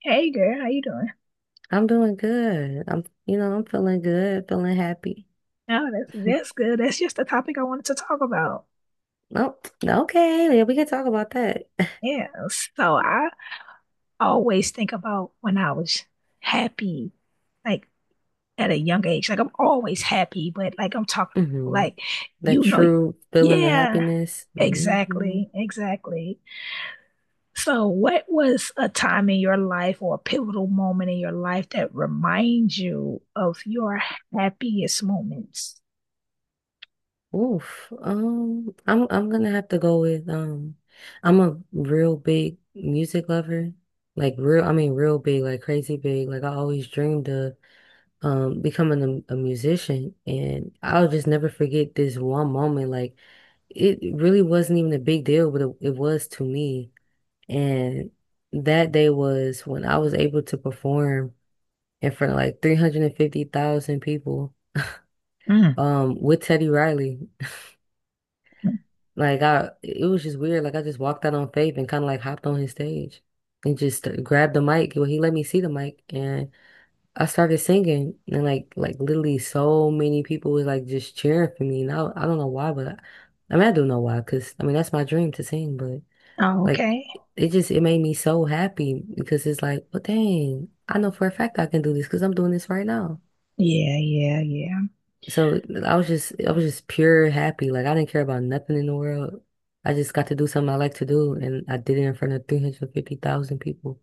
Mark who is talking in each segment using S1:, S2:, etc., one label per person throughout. S1: Hey girl, how you doing?
S2: I'm doing good. I'm feeling good, feeling happy.
S1: Oh, that's good. That's just the topic I wanted to talk about.
S2: Oh, okay. Yeah, we can talk about that.
S1: Yeah. So I always think about when I was happy, like at a young age. Like I'm always happy, but like I'm talking
S2: Hmm.
S1: like
S2: That
S1: you know,
S2: true feeling of
S1: yeah,
S2: happiness. Hmm.
S1: exactly, exactly. So what was a time in your life or a pivotal moment in your life that reminds you of your happiest moments?
S2: Oof. I'm gonna have to go with. I'm a real big music lover. Like real, I mean real big, like crazy big. Like I always dreamed of becoming a musician, and I'll just never forget this one moment. Like it really wasn't even a big deal, but it was to me. And that day was when I was able to perform in front of like 350,000 people
S1: Mm.
S2: with Teddy Riley. Like I it was just weird. Like I just walked out on faith and kind of like hopped on his stage and just grabbed the mic, well, he let me see the mic, and I started singing. And like literally so many people was like just cheering for me. And I don't know why, but I mean I do know why, because I mean that's my dream to sing. But
S1: Oh,
S2: like
S1: okay.
S2: it made me so happy, because it's like, well, dang, I know for a fact I can do this because I'm doing this right now.
S1: Yeah, yeah, yeah.
S2: So I was just pure happy. Like I didn't care about nothing in the world. I just got to do something I like to do, and I did it in front of 350,000 people.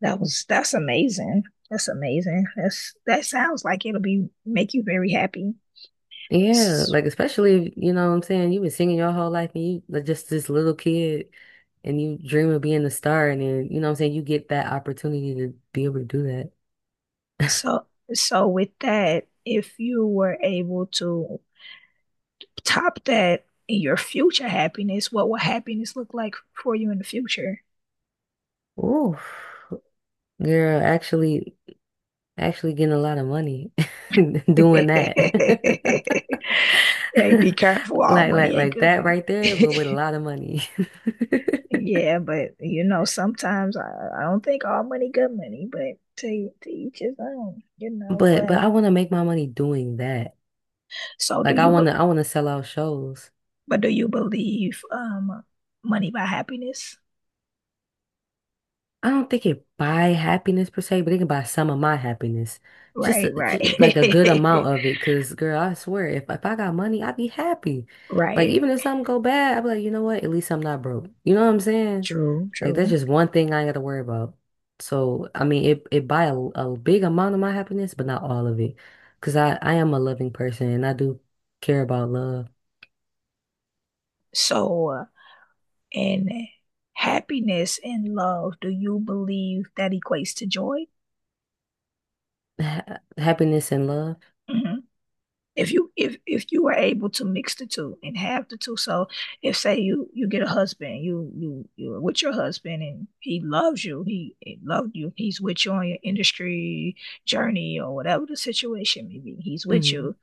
S1: That's amazing. That's amazing. That's that sounds like it'll be make you very happy.
S2: Yeah,
S1: S-
S2: like especially if, you know what I'm saying, you've been singing your whole life and you like just this little kid, and you dream of being a star and then, you know what I'm saying, you get that opportunity to be able to do that.
S1: So so with that, if you were able to top that in your future happiness, what will happiness look like for you in the future?
S2: Ooh, girl, actually getting a lot of money doing that.
S1: Hey, be careful. All
S2: Like like
S1: money ain't
S2: like
S1: good
S2: that
S1: money.
S2: right there, but with a lot of money.
S1: Yeah, but you know, sometimes I don't think all money good money, but to each his own, you know.
S2: But
S1: But
S2: but I want to make my money doing that.
S1: so do
S2: Like I
S1: you,
S2: want to I want to sell out shows.
S1: but do you believe money buy happiness?
S2: I don't think it buy happiness per se, but it can buy some of my happiness.
S1: Right, right.
S2: Just like a good amount of it. Cause girl, I swear, if I got money, I'd be happy. Like
S1: Right.
S2: even if something go bad, I'd be like, you know what? At least I'm not broke. You know what I'm saying?
S1: True,
S2: Like that's
S1: true.
S2: just one thing I ain't gotta worry about. So I mean, it buy a big amount of my happiness, but not all of it. Cause I am a loving person, and I do care about love,
S1: So, and happiness and love, do you believe that equates to joy?
S2: ha happiness and love.
S1: Hmm. If you are able to mix the two and have the two, so if say you get a husband, you're with your husband and he loves you, he loved you, he's with you on your industry journey or whatever the situation may be, he's with
S2: Hmm.
S1: you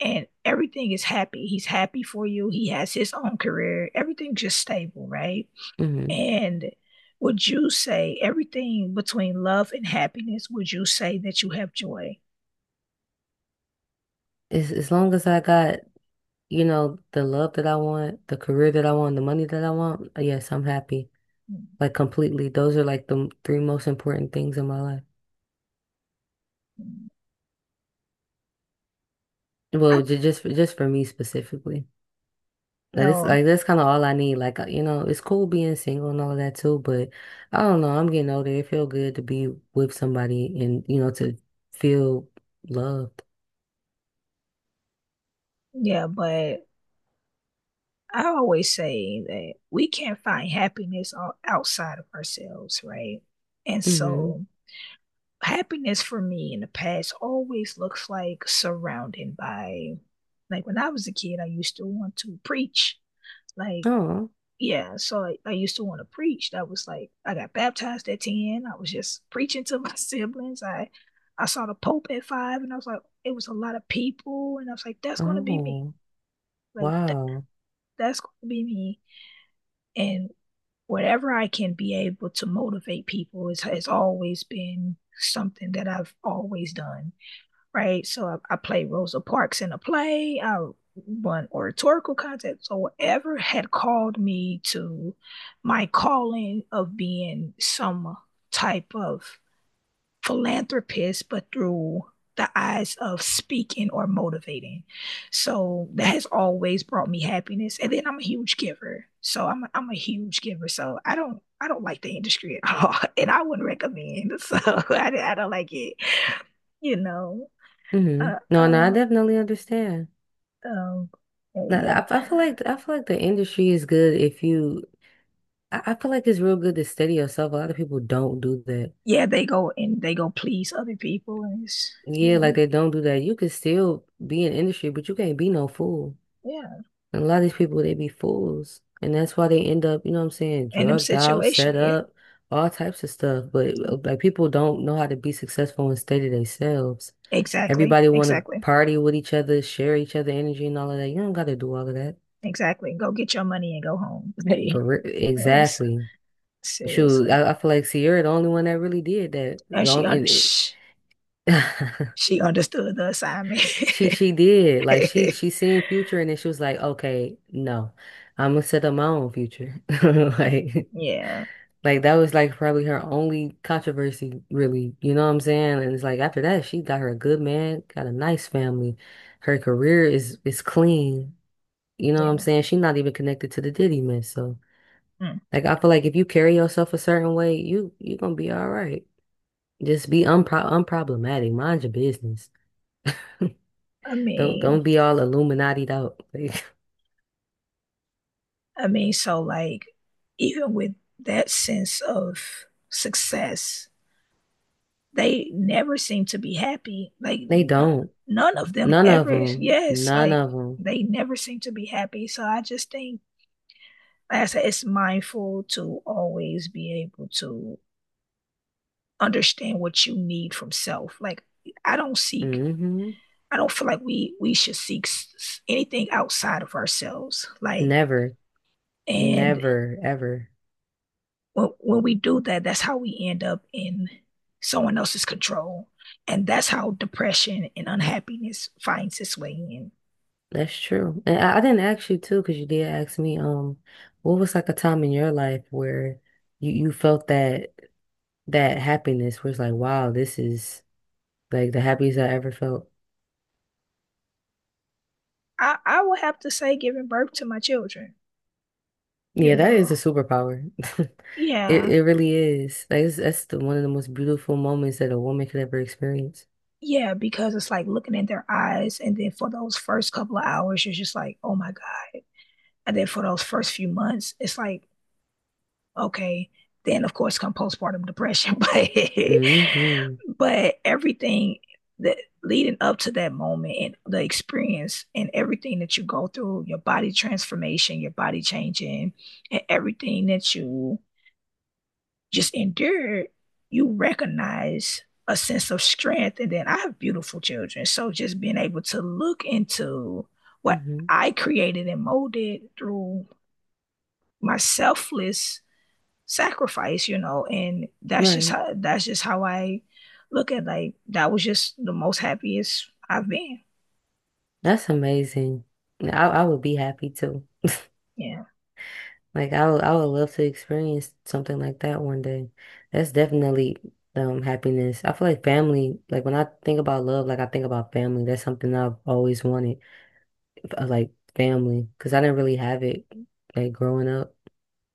S1: and everything is happy. He's happy for you. He has his own career. Everything's just stable, right?
S2: Hmm.
S1: And would you say everything between love and happiness? Would you say that you have joy?
S2: As long as I got, you know, the love that I want, the career that I want, the money that I want, yes, I'm happy.
S1: Mm-hmm.
S2: Like completely. Those are like the three most important things in my life.
S1: I
S2: Well, just for me specifically. Like this, like
S1: well,
S2: that's kind of all I need. Like it's cool being single and all of that too, but I don't know. I'm getting older. It feel good to be with somebody and to feel loved.
S1: yeah, but I always say that we can't find happiness outside of ourselves, right? And
S2: Mm-hmm.
S1: so happiness for me in the past always looks like surrounded by like when I was a kid, I used to want to preach. Like,
S2: Oh,
S1: yeah, so I used to want to preach. That was like I got baptized at 10. I was just preaching to my siblings. I saw the Pope at five and I was like, it was a lot of people. And I was like, that's gonna be me.
S2: oh,
S1: Like th-
S2: wow.
S1: that's gonna be me. And whatever I can be able to motivate people is has always been something that I've always done, right? So I played Rosa Parks in a play. I won oratorical contests. So whatever had called me to my calling of being some type of philanthropist, but through the eyes of speaking or motivating. So that has always brought me happiness. And then I'm a huge giver. So I'm a huge giver. So I don't like the industry at all, and I wouldn't recommend. So I don't like it. You know,
S2: Mm-hmm.
S1: uh,
S2: No, no,
S1: uh,
S2: I definitely understand.
S1: Um,
S2: No,
S1: and yeah,
S2: I feel like the industry is good if you. I feel like it's real good to steady yourself. A lot of people don't do that.
S1: yeah, they go and they go please other people, and it's
S2: Yeah,
S1: yeah,
S2: like they don't do that. You can still be in industry, but you can't be no fool.
S1: yeah,
S2: And a lot of these people, they be fools, and that's why they end up, you know what I'm saying,
S1: in them
S2: drugged out,
S1: situation,
S2: set
S1: yeah,
S2: up, all types of stuff. But like people don't know how to be successful and steady themselves.
S1: exactly,
S2: Everybody want to
S1: exactly,
S2: party with each other, share each other energy and all of that. You don't got to do all of that
S1: exactly. Go get your money and go home. Hey,
S2: for real.
S1: like,
S2: Exactly. Shoot,
S1: seriously,
S2: I feel like Sierra the only one that really did that.
S1: and
S2: The
S1: she
S2: only
S1: under
S2: and it,
S1: she understood the assignment.
S2: she did like she seen Future, and then she was like, okay, no, I'm gonna set up my own future. Like
S1: Yeah,
S2: like that was like probably her only controversy, really. You know what I'm saying? And it's like after that, she got her a good man, got a nice family. Her career is clean. You know what I'm
S1: yeah.
S2: saying? She's not even connected to the Diddy mess. So
S1: Mm.
S2: like I feel like if you carry yourself a certain way, you gonna be all right. Just be unproblematic. Mind your business.
S1: I
S2: Don't
S1: mean,
S2: don't be all Illuminati'd out.
S1: I mean, so like, even with that sense of success they never seem to be happy. Like
S2: They
S1: none,
S2: don't.
S1: none of them
S2: None of
S1: ever.
S2: them.
S1: Yes,
S2: None
S1: like
S2: of them.
S1: they never seem to be happy. So I just think, like I said, it's mindful to always be able to understand what you need from self. Like I don't seek.
S2: Hmm.
S1: I don't feel like we should seek anything outside of ourselves. Like
S2: Never.
S1: and
S2: Never. Ever.
S1: when we do that, that's how we end up in someone else's control. And that's how depression and unhappiness finds its way in.
S2: That's true. And I didn't ask you too, because you did ask me, what was like a time in your life where you felt that that happiness was like, wow, this is like the happiest I ever felt.
S1: I would have to say giving birth to my children, you
S2: Yeah, that
S1: know.
S2: is a superpower. It
S1: Yeah.
S2: it really is. Like that's the one of the most beautiful moments that a woman could ever experience.
S1: Yeah, because it's like looking in their eyes and then for those first couple of hours you're just like, "Oh my God." And then for those first few months, it's like, okay, then of course come postpartum depression,
S2: Hmm.
S1: but everything that leading up to that moment and the experience and everything that you go through, your body transformation, your body changing, and everything that you just endure, you recognize a sense of strength. And then I have beautiful children. So just being able to look into what
S2: Hmm.
S1: I created and molded through my selfless sacrifice, you know, and
S2: Right.
S1: that's just how I look at like that was just the most happiest I've been.
S2: That's amazing. I would be happy too.
S1: Yeah.
S2: Like I would love to experience something like that one day. That's definitely happiness. I feel like family, like when I think about love, like I think about family. That's something I've always wanted. Like family, because I didn't really have it like growing up.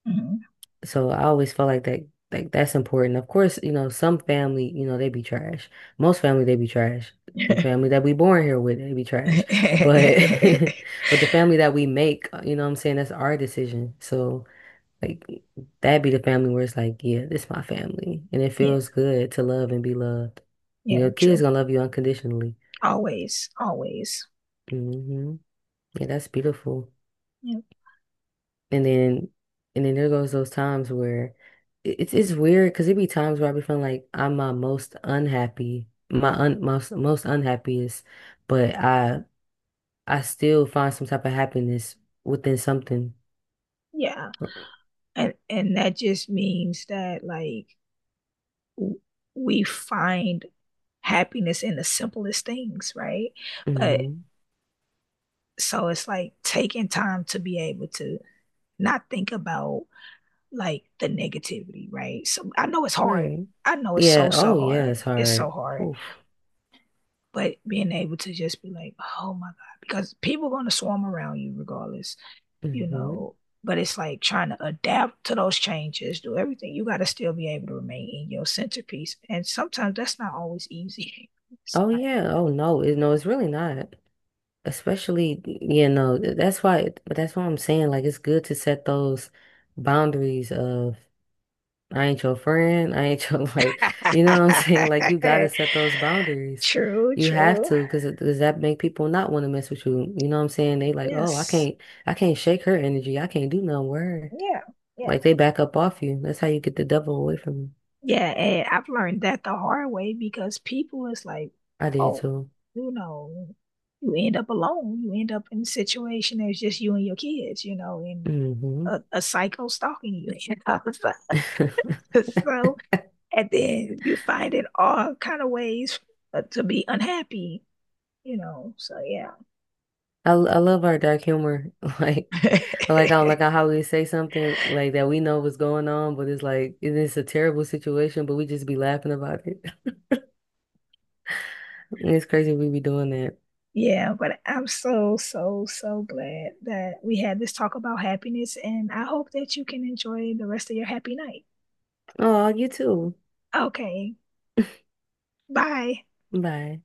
S1: Mhm.
S2: So I always felt like that, like that's important. Of course, you know, some family, you know, they be trash. Most family, they be trash. The family that we born here with, they be trash. But, but the family that we make, you know what I'm saying, that's our decision. So like that be the family where it's like, yeah, this my family. And it
S1: Yeah.
S2: feels good to love and be loved. And
S1: Yeah.
S2: your kids
S1: True.
S2: gonna love you unconditionally.
S1: Always. Always.
S2: Hmm. Yeah, that's beautiful.
S1: Yeah.
S2: And then and then there goes those times where it's weird, because it be times where I be feeling like I'm my most unhappy, my un most most unhappiest, but I still find some type of happiness within something.
S1: Yeah. And that just means that like w- we find happiness in the simplest things, right? But
S2: Hmm.
S1: so it's like taking time to be able to not think about like the negativity, right? So I know it's hard,
S2: Right.
S1: I know it's so
S2: Yeah.
S1: so
S2: Oh yeah,
S1: hard,
S2: it's
S1: it's so
S2: hard.
S1: hard,
S2: Oof.
S1: but being able to just be like, oh my God, because people are going to swarm around you regardless, you
S2: Hmm.
S1: know, but it's like trying to adapt to those changes, do everything. You got to still be able to remain in your centerpiece. And sometimes that's not always easy. It's
S2: Oh
S1: not.
S2: yeah. Oh no. It, no, it's really not. Especially, yeah, no, that's why, but that's why I'm saying like it's good to set those boundaries of I ain't your friend. I ain't your like, you know what I'm saying? Like you gotta set those boundaries.
S1: True,
S2: You have
S1: true.
S2: to, because does that make people not want to mess with you? You know what I'm saying? They like, oh, I
S1: Yes.
S2: can't, I can't shake her energy. I can't do no word.
S1: Yeah. Yeah.
S2: Like they back up off you. That's how you get the devil away from you.
S1: Yeah, and I've learned that the hard way because people is like,
S2: I did
S1: oh,
S2: too.
S1: you know, you end up alone. You end up in a situation that's just you and your kids, you know, and
S2: Hmm.
S1: a psycho stalking you. You know? So, so, and then you find it all kind of ways to be unhappy, you know. So yeah.
S2: I love our dark humor. Like I like I like how we say something like that we know what's going on, but it's like it is a terrible situation, but we just be laughing about it. It's crazy we be doing that.
S1: Yeah, but I'm so, so, so glad that we had this talk about happiness, and I hope that you can enjoy the rest of your happy night.
S2: Oh, you too.
S1: Okay. Bye.
S2: Bye.